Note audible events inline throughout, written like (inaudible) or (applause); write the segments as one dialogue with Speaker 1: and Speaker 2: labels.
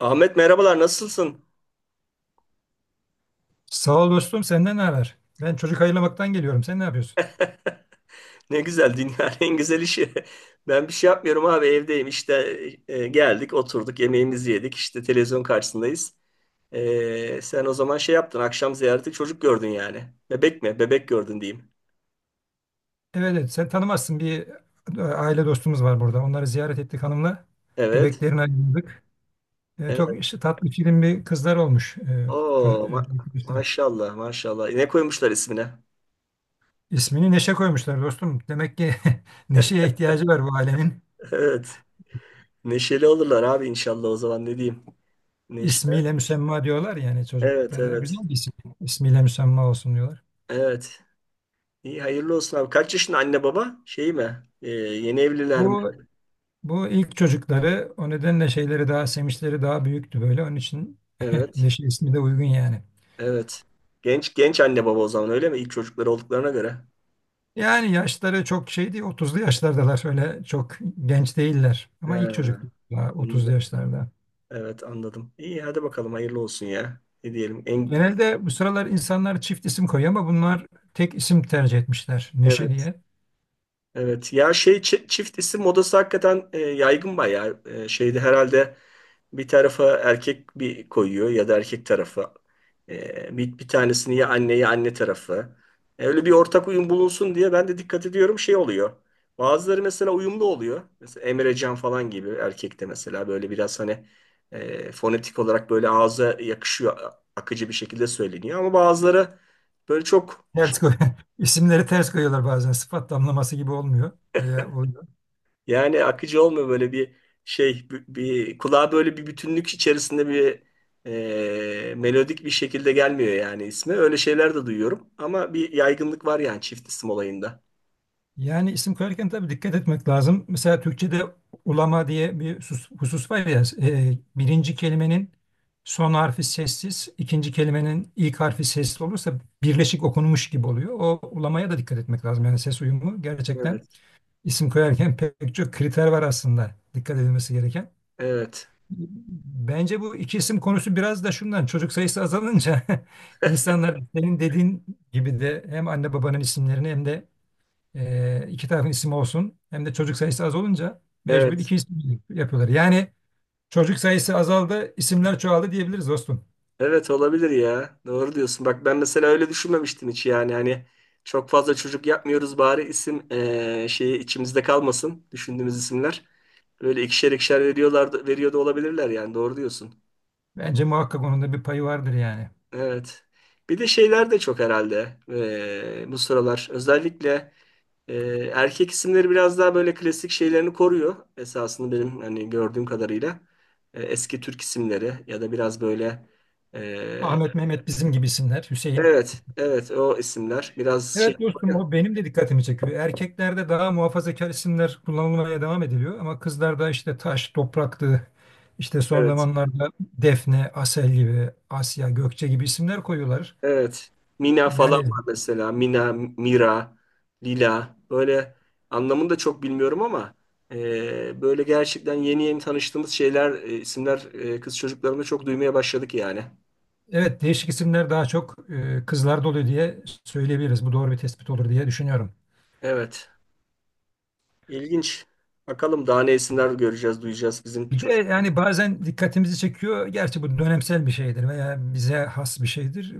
Speaker 1: Ahmet merhabalar, nasılsın?
Speaker 2: Sağ ol dostum, senden ne haber? Ben çocuk hayırlamaktan geliyorum. Sen ne yapıyorsun?
Speaker 1: Ne güzel, dünyanın (laughs) en güzel işi. Ben bir şey yapmıyorum abi, evdeyim işte. Geldik, oturduk, yemeğimizi yedik, işte televizyon karşısındayız. Sen o zaman şey yaptın, akşam ziyareti, çocuk gördün yani. Bebek mi? Bebek gördün diyeyim.
Speaker 2: Evet, evet, sen tanımazsın. Bir aile dostumuz var burada. Onları ziyaret ettik hanımla.
Speaker 1: Evet.
Speaker 2: Bebeklerini ayırdık. Çok
Speaker 1: Evet.
Speaker 2: işte, tatlı film bir kızlar olmuş. Çocuk,
Speaker 1: Oo ma-
Speaker 2: arkadaşlarım.
Speaker 1: Maşallah maşallah. Ne koymuşlar ismine?
Speaker 2: İsmini Neşe koymuşlar dostum. Demek ki (laughs) Neşe'ye ihtiyacı var bu ailenin.
Speaker 1: Evet. Neşeli olurlar abi inşallah, o zaman ne diyeyim. Neşe.
Speaker 2: İsmiyle müsemma diyorlar yani
Speaker 1: Evet,
Speaker 2: çocuklara.
Speaker 1: evet.
Speaker 2: Güzel bir isim. İsmiyle müsemma olsun diyorlar.
Speaker 1: Evet. İyi, hayırlı olsun abi. Kaç yaşında anne baba? Şey mi? Yeni evliler mi?
Speaker 2: Bu Bu ilk çocukları, o nedenle şeyleri daha semişleri daha büyüktü böyle. Onun için (laughs)
Speaker 1: Evet.
Speaker 2: Neşe ismi de uygun yani.
Speaker 1: Evet. Genç genç anne baba o zaman, öyle mi? İlk çocukları olduklarına göre.
Speaker 2: Yani yaşları çok şey değil, 30'lu yaşlardalar, öyle çok genç değiller.
Speaker 1: He,
Speaker 2: Ama ilk çocuk daha 30'lu
Speaker 1: anladım.
Speaker 2: yaşlarda.
Speaker 1: Evet, anladım. İyi, hadi bakalım, hayırlı olsun ya. Ne diyelim? En,
Speaker 2: Genelde bu sıralar insanlar çift isim koyuyor ama bunlar tek isim tercih etmişler, Neşe
Speaker 1: evet.
Speaker 2: diye.
Speaker 1: Evet ya, çift isim modası hakikaten yaygın bayağı. Şeyde herhalde bir tarafa erkek bir koyuyor ya da erkek tarafı. E, bir tanesini ya anne ya anne tarafı. Öyle bir ortak uyum bulunsun diye ben de dikkat ediyorum, şey oluyor. Bazıları mesela uyumlu oluyor. Mesela Emrecan falan gibi, erkekte mesela böyle biraz hani fonetik olarak böyle ağza yakışıyor, akıcı bir şekilde söyleniyor. Ama bazıları böyle çok,
Speaker 2: Ters koy (laughs) isimleri ters koyuyorlar bazen, sıfat damlaması gibi olmuyor. Veya o
Speaker 1: yani akıcı olmuyor, böyle bir şey, kulağa böyle bir bütünlük içerisinde bir melodik bir şekilde gelmiyor yani ismi. Öyle şeyler de duyuyorum, ama bir yaygınlık var yani çift isim olayında.
Speaker 2: Yani isim koyarken tabii dikkat etmek lazım. Mesela Türkçe'de ulama diye bir husus var ya, birinci kelimenin son harfi sessiz, ikinci kelimenin ilk harfi sesli olursa birleşik okunmuş gibi oluyor. O ulamaya da dikkat etmek lazım. Yani ses uyumu, gerçekten
Speaker 1: Evet.
Speaker 2: isim koyarken (laughs) pek çok kriter var aslında dikkat edilmesi gereken.
Speaker 1: Evet.
Speaker 2: Bence bu iki isim konusu biraz da şundan: çocuk sayısı azalınca (laughs) insanlar senin dediğin gibi de hem anne babanın isimlerini, hem de iki tarafın ismi olsun. Hem de çocuk sayısı az olunca mecbur
Speaker 1: Evet.
Speaker 2: iki isim yapıyorlar. Yani çocuk sayısı azaldı, isimler çoğaldı diyebiliriz dostum.
Speaker 1: Evet, olabilir ya. Doğru diyorsun. Bak ben mesela öyle düşünmemiştim hiç, yani hani çok fazla çocuk yapmıyoruz, bari isim şeyi içimizde kalmasın, düşündüğümüz isimler. Böyle ikişer ikişer veriyorlardı, veriyor da olabilirler yani, doğru diyorsun.
Speaker 2: Bence muhakkak onun da bir payı vardır yani.
Speaker 1: Evet. Bir de şeyler de çok herhalde bu sıralar. Özellikle erkek isimleri biraz daha böyle klasik şeylerini koruyor. Esasında benim hani gördüğüm kadarıyla eski Türk isimleri ya da biraz böyle eee,
Speaker 2: Ahmet, Mehmet, bizim gibi isimler. Hüseyin.
Speaker 1: evet evet, o isimler biraz şey.
Speaker 2: Evet dostum, o benim de dikkatimi çekiyor. Erkeklerde daha muhafazakar isimler kullanılmaya devam ediliyor. Ama kızlarda işte taş, topraktı, işte son
Speaker 1: Evet.
Speaker 2: zamanlarda Defne, Asel gibi, Asya, Gökçe gibi isimler koyuyorlar.
Speaker 1: Evet. Mina falan
Speaker 2: Yani,
Speaker 1: var mesela. Mina, Mira, Lila. Böyle anlamını da çok bilmiyorum ama böyle gerçekten yeni yeni tanıştığımız şeyler, isimler, kız çocuklarında çok duymaya başladık yani.
Speaker 2: evet, değişik isimler daha çok kızlarda oluyor diye söyleyebiliriz. Bu doğru bir tespit olur diye düşünüyorum.
Speaker 1: Evet. İlginç. Bakalım daha ne isimler göreceğiz, duyacağız bizim
Speaker 2: Bir de
Speaker 1: çocuk.
Speaker 2: yani bazen dikkatimizi çekiyor. Gerçi bu dönemsel bir şeydir veya bize has bir şeydir.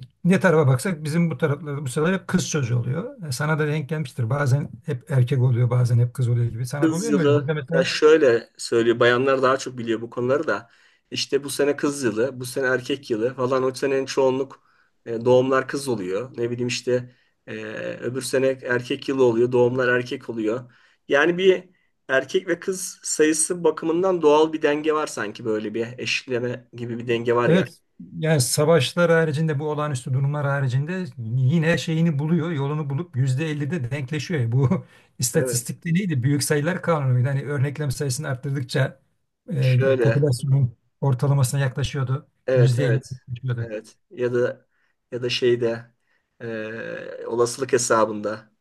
Speaker 2: Ne tarafa baksak bizim bu taraflarda bu sefer hep kız çocuğu oluyor. Sana da denk gelmiştir. Bazen hep erkek oluyor, bazen hep kız oluyor gibi. Sana da
Speaker 1: Kız
Speaker 2: oluyor mu öyle? Burada
Speaker 1: yılı ya,
Speaker 2: mesela.
Speaker 1: şöyle söylüyor bayanlar, daha çok biliyor bu konuları da, işte bu sene kız yılı, bu sene erkek yılı falan, o senenin çoğunluk doğumlar kız oluyor, ne bileyim işte, e, öbür sene erkek yılı oluyor, doğumlar erkek oluyor, yani bir erkek ve kız sayısı bakımından doğal bir denge var, sanki böyle bir eşitleme gibi bir denge var yani.
Speaker 2: Evet, yani savaşlar haricinde, bu olağanüstü durumlar haricinde, yine şeyini buluyor, yolunu bulup %50'de denkleşiyor. Yani, bu (laughs)
Speaker 1: Evet.
Speaker 2: istatistikte neydi? Büyük sayılar kanunuydu. Hani örneklem sayısını arttırdıkça e,
Speaker 1: Şöyle
Speaker 2: popülasyonun ortalamasına yaklaşıyordu.
Speaker 1: evet,
Speaker 2: %50
Speaker 1: evet,
Speaker 2: yaklaşıyordu.
Speaker 1: evet. Ya da ya da şeyde olasılık hesabında.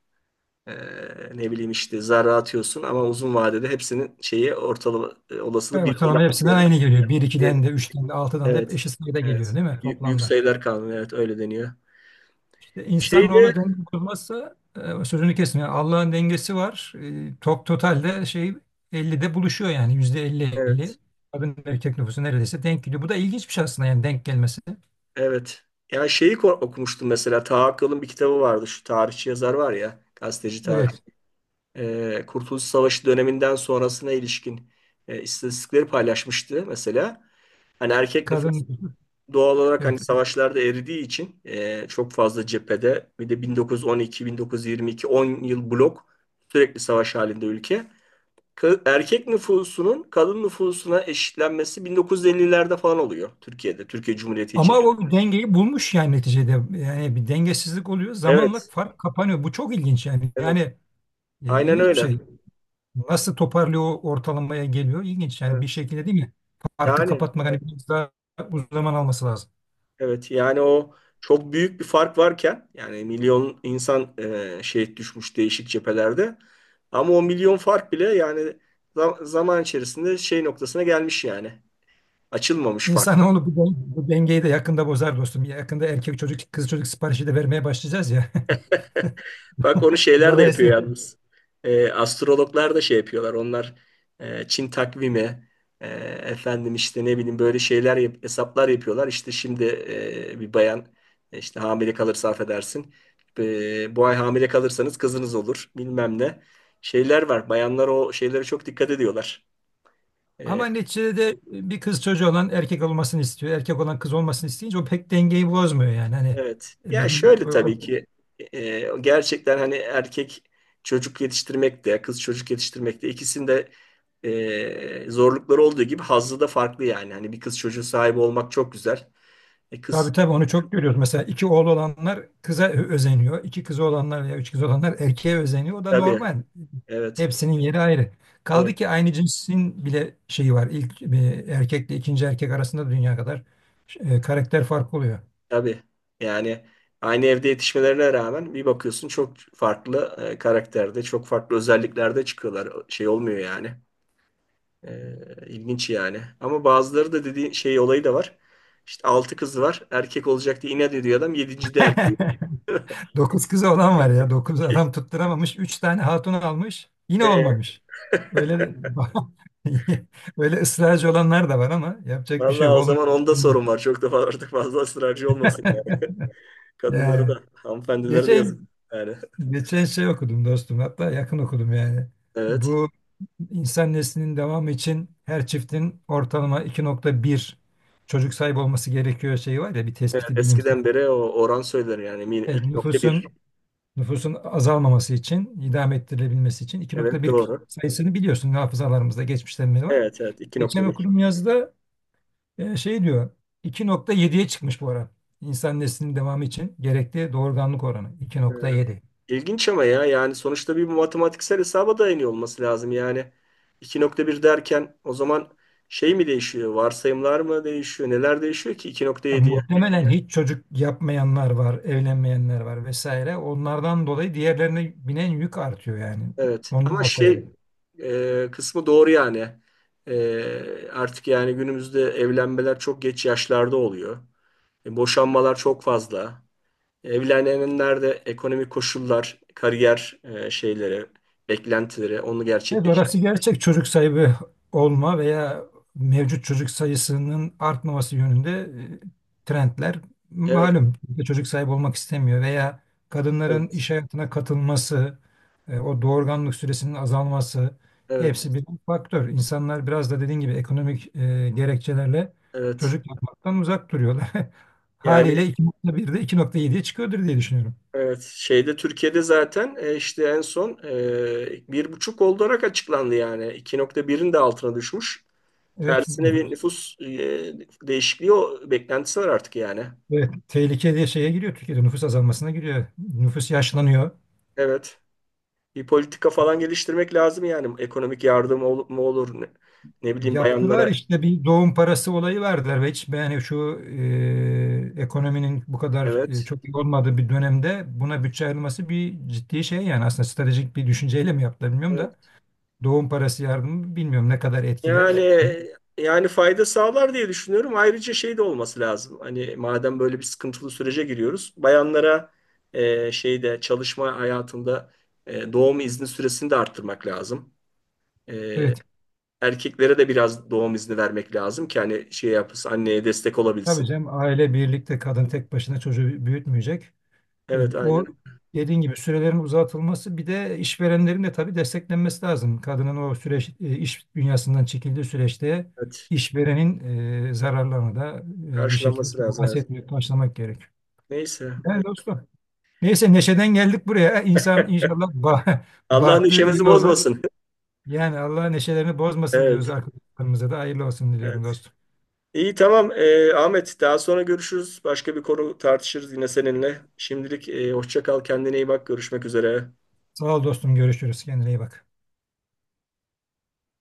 Speaker 1: Ee, Ne bileyim işte, zarra atıyorsun ama uzun vadede hepsinin şeyi ortalama olasılığı
Speaker 2: Evet,
Speaker 1: 1 bölü
Speaker 2: ortalama hepsinden
Speaker 1: 6'ya.
Speaker 2: aynı geliyor. Bir
Speaker 1: Bir-
Speaker 2: ikiden de, üçten de, altıdan da hep
Speaker 1: Evet.
Speaker 2: eşit sayıda
Speaker 1: Evet.
Speaker 2: geliyor değil mi
Speaker 1: Büyük
Speaker 2: toplamda?
Speaker 1: sayılar kanunu, evet, öyle deniyor. Şeyde
Speaker 2: İnsanoğlu denge kurmazsa, sözünü kesin. Yani Allah'ın dengesi var. Totalde şey 50'de buluşuyor, yani yüzde elli
Speaker 1: evet.
Speaker 2: elli. Kadın erkek nüfusu neredeyse denk geliyor. Bu da ilginç bir şey aslında, yani denk gelmesi.
Speaker 1: Evet. Ya şeyi okumuştum mesela, Taha Akkal'ın bir kitabı vardı, şu tarihçi yazar var ya, gazeteci, tarih.
Speaker 2: Evet.
Speaker 1: Kurtuluş Savaşı döneminden sonrasına ilişkin istatistikleri paylaşmıştı mesela. Hani erkek nüfus
Speaker 2: Kadın nüfusu.
Speaker 1: doğal olarak
Speaker 2: Evet.
Speaker 1: hani savaşlarda eridiği için, çok fazla cephede, bir de 1912, 1922, 10 yıl blok sürekli savaş halinde ülke. Erkek nüfusunun kadın nüfusuna eşitlenmesi 1950'lerde falan oluyor Türkiye'de, Türkiye Cumhuriyeti için.
Speaker 2: Ama o dengeyi bulmuş yani neticede. Yani bir dengesizlik oluyor. Zamanla
Speaker 1: Evet,
Speaker 2: fark kapanıyor. Bu çok ilginç yani. Yani
Speaker 1: evet. Aynen
Speaker 2: ilginç bir
Speaker 1: öyle.
Speaker 2: şey. Nasıl toparlıyor, o ortalamaya geliyor? İlginç yani, bir
Speaker 1: Evet.
Speaker 2: şekilde değil mi? Farkı
Speaker 1: Yani
Speaker 2: kapatmak hani biraz daha uzun zaman alması lazım.
Speaker 1: evet, yani o çok büyük bir fark varken, yani milyon insan şehit düşmüş değişik cephelerde, ama o milyon fark bile yani zaman içerisinde şey noktasına gelmiş yani, açılmamış fark.
Speaker 2: İnsanoğlu bu dengeyi de yakında bozar dostum. Yakında erkek çocuk, kız çocuk siparişi de vermeye başlayacağız ya.
Speaker 1: Bak onu
Speaker 2: (laughs)
Speaker 1: şeyler de yapıyor
Speaker 2: Dolayısıyla.
Speaker 1: yalnız. Astrologlar da şey yapıyorlar. Onlar Çin takvimi, e, efendim, işte ne bileyim, böyle şeyler hesaplar yapıyorlar. İşte şimdi bir bayan işte hamile kalırsa affedersin. Bu ay hamile kalırsanız kızınız olur, bilmem ne. Şeyler var. Bayanlar o şeylere çok dikkat ediyorlar.
Speaker 2: Ama
Speaker 1: E,
Speaker 2: neticede de bir kız çocuğu olan erkek olmasını istiyor, erkek olan kız olmasını isteyince, o pek dengeyi bozmuyor yani. Hani
Speaker 1: evet.
Speaker 2: e,
Speaker 1: Ya
Speaker 2: bizim o,
Speaker 1: şöyle tabii
Speaker 2: o-
Speaker 1: ki gerçekten hani erkek çocuk yetiştirmek de, kız çocuk yetiştirmek de, ikisinde zorlukları olduğu gibi hazzı da farklı yani. Hani bir kız çocuğu sahibi olmak çok güzel. E
Speaker 2: tabii
Speaker 1: kız,
Speaker 2: tabii onu çok görüyoruz. Mesela iki oğlu olanlar kıza özeniyor. İki kızı olanlar veya üç kızı olanlar erkeğe özeniyor. O da
Speaker 1: tabii,
Speaker 2: normal.
Speaker 1: evet,
Speaker 2: Hepsinin yeri ayrı. Kaldı
Speaker 1: evet,
Speaker 2: ki aynı cinsin bile şeyi var. İlk erkekle ikinci erkek arasında dünya kadar karakter farkı oluyor.
Speaker 1: tabii yani, aynı evde yetişmelerine rağmen bir bakıyorsun çok farklı karakterde, çok farklı özelliklerde çıkıyorlar. Şey olmuyor yani. Ee, ilginç yani. Ama bazıları da dediği şey olayı da var. İşte 6 kızı var. Erkek olacak diye inat ediyor adam. 7. de erkeği.
Speaker 2: (laughs) Dokuz kızı olan var ya. Dokuz adam
Speaker 1: (laughs)
Speaker 2: tutturamamış. Üç tane hatun almış. Yine
Speaker 1: E,
Speaker 2: olmamış. Öyle de- (laughs) böyle ısrarcı olanlar da var ama yapacak bir şey
Speaker 1: vallahi
Speaker 2: yok.
Speaker 1: o zaman onda
Speaker 2: Olmuyor.
Speaker 1: sorun var. Çok da artık fazla ısrarcı olmasın yani.
Speaker 2: (laughs)
Speaker 1: Kadınları
Speaker 2: Yani
Speaker 1: da, hanımefendileri de yazık.
Speaker 2: geçen
Speaker 1: Yani
Speaker 2: geçen şey okudum dostum. Hatta yakın okudum yani.
Speaker 1: evet.
Speaker 2: Bu insan neslinin devamı için her çiftin ortalama 2.1 çocuk sahibi olması gerekiyor şeyi var ya, bir
Speaker 1: Evet,
Speaker 2: tespiti bilimsel.
Speaker 1: eskiden beri o oran söylenir yani, Min-
Speaker 2: Evet, nüfusun
Speaker 1: 2.1.
Speaker 2: nüfusun azalmaması için, idame ettirilebilmesi için
Speaker 1: Evet
Speaker 2: 2.1
Speaker 1: doğru.
Speaker 2: sayısını biliyorsun, hafızalarımızda geçmişten beri var.
Speaker 1: Evet evet,
Speaker 2: Geçen
Speaker 1: 2.1.
Speaker 2: okuduğum yazıda şey diyor, 2.7'ye çıkmış bu ara. İnsan neslinin devamı için gerekli doğurganlık oranı 2.7.
Speaker 1: İlginç ama ya, yani sonuçta bir matematiksel hesaba dayanıyor olması lazım. Yani iki nokta bir derken o zaman şey mi değişiyor? Varsayımlar mı değişiyor? Neler değişiyor ki
Speaker 2: Yani
Speaker 1: 2.7'ye?
Speaker 2: muhtemelen hiç çocuk yapmayanlar var, evlenmeyenler var vesaire. Onlardan dolayı diğerlerine binen yük artıyor yani.
Speaker 1: Evet
Speaker 2: Ondan
Speaker 1: ama
Speaker 2: olsa gerek.
Speaker 1: şey kısmı doğru yani. Artık yani günümüzde evlenmeler çok geç yaşlarda oluyor. Boşanmalar çok fazla. Evlenenler de ekonomik koşullar, kariyer şeyleri, beklentileri onu
Speaker 2: Evet,
Speaker 1: gerçekleştir.
Speaker 2: orası gerçek, çocuk sahibi olma veya mevcut çocuk sayısının artmaması yönünde trendler
Speaker 1: Evet,
Speaker 2: malum. Kimse çocuk sahibi olmak istemiyor veya kadınların
Speaker 1: evet,
Speaker 2: iş hayatına katılması, o doğurganlık süresinin azalması,
Speaker 1: evet,
Speaker 2: hepsi bir faktör. İnsanlar biraz da dediğin gibi ekonomik gerekçelerle
Speaker 1: evet.
Speaker 2: çocuk yapmaktan uzak duruyorlar. (laughs)
Speaker 1: Yani
Speaker 2: Haliyle iki nokta birde, iki nokta 2.7'ye çıkıyordur diye düşünüyorum.
Speaker 1: evet, şeyde Türkiye'de zaten işte en son 1,5 olarak açıklandı yani. 2.1'in de altına düşmüş.
Speaker 2: Evet,
Speaker 1: Tersine bir nüfus değişikliği, o beklentisi var artık yani.
Speaker 2: evet, tehlike diye şeye giriyor, Türkiye'de nüfus azalmasına giriyor. Nüfus yaşlanıyor.
Speaker 1: Evet. Bir politika falan geliştirmek lazım yani. Ekonomik yardım olup mu olur ne, ne bileyim,
Speaker 2: Yaptılar
Speaker 1: bayanlara.
Speaker 2: işte, bir doğum parası olayı verdiler ve hiç yani şu ekonominin bu kadar
Speaker 1: Evet.
Speaker 2: çok iyi olmadığı bir dönemde buna bütçe ayrılması bir ciddi şey yani, aslında stratejik bir düşünceyle mi yaptılar bilmiyorum da,
Speaker 1: Evet.
Speaker 2: doğum parası yardımı bilmiyorum ne kadar
Speaker 1: Yani,
Speaker 2: etkiler.
Speaker 1: yani fayda sağlar diye düşünüyorum. Ayrıca şey de olması lazım. Hani madem böyle bir sıkıntılı sürece giriyoruz, bayanlara şeyde çalışma hayatında doğum izni süresini de arttırmak lazım. E,
Speaker 2: Evet
Speaker 1: Erkeklere de biraz doğum izni vermek lazım ki hani şey yapsın, anneye destek
Speaker 2: tabii
Speaker 1: olabilsin.
Speaker 2: canım, aile birlikte, kadın tek başına çocuğu büyütmeyecek. E,
Speaker 1: Evet,
Speaker 2: O
Speaker 1: aynen.
Speaker 2: dediğin gibi sürelerin uzatılması, bir de işverenlerin de tabii desteklenmesi lazım. Kadının o süreç, iş dünyasından çekildiği süreçte
Speaker 1: Evet.
Speaker 2: işverenin zararlarını da bir
Speaker 1: Karşılanması
Speaker 2: şekilde
Speaker 1: lazım. Evet.
Speaker 2: bahsetmeye başlamak gerek.
Speaker 1: Neyse.
Speaker 2: Yani
Speaker 1: Evet.
Speaker 2: dostum. Neyse, neşeden geldik buraya. İnsan inşallah (laughs)
Speaker 1: Allah'ın
Speaker 2: bahtı
Speaker 1: işimizi
Speaker 2: iyi olur.
Speaker 1: bozmasın. (laughs)
Speaker 2: Yani Allah neşelerini bozmasın diyoruz,
Speaker 1: Evet.
Speaker 2: arkadaşlarımıza da hayırlı olsun diliyorum
Speaker 1: Evet.
Speaker 2: dostum.
Speaker 1: İyi, tamam. Ahmet, daha sonra görüşürüz. Başka bir konu tartışırız yine seninle. Şimdilik hoşça kal, kendine iyi bak, görüşmek üzere.
Speaker 2: Sağ ol dostum, görüşürüz. Kendine iyi bak.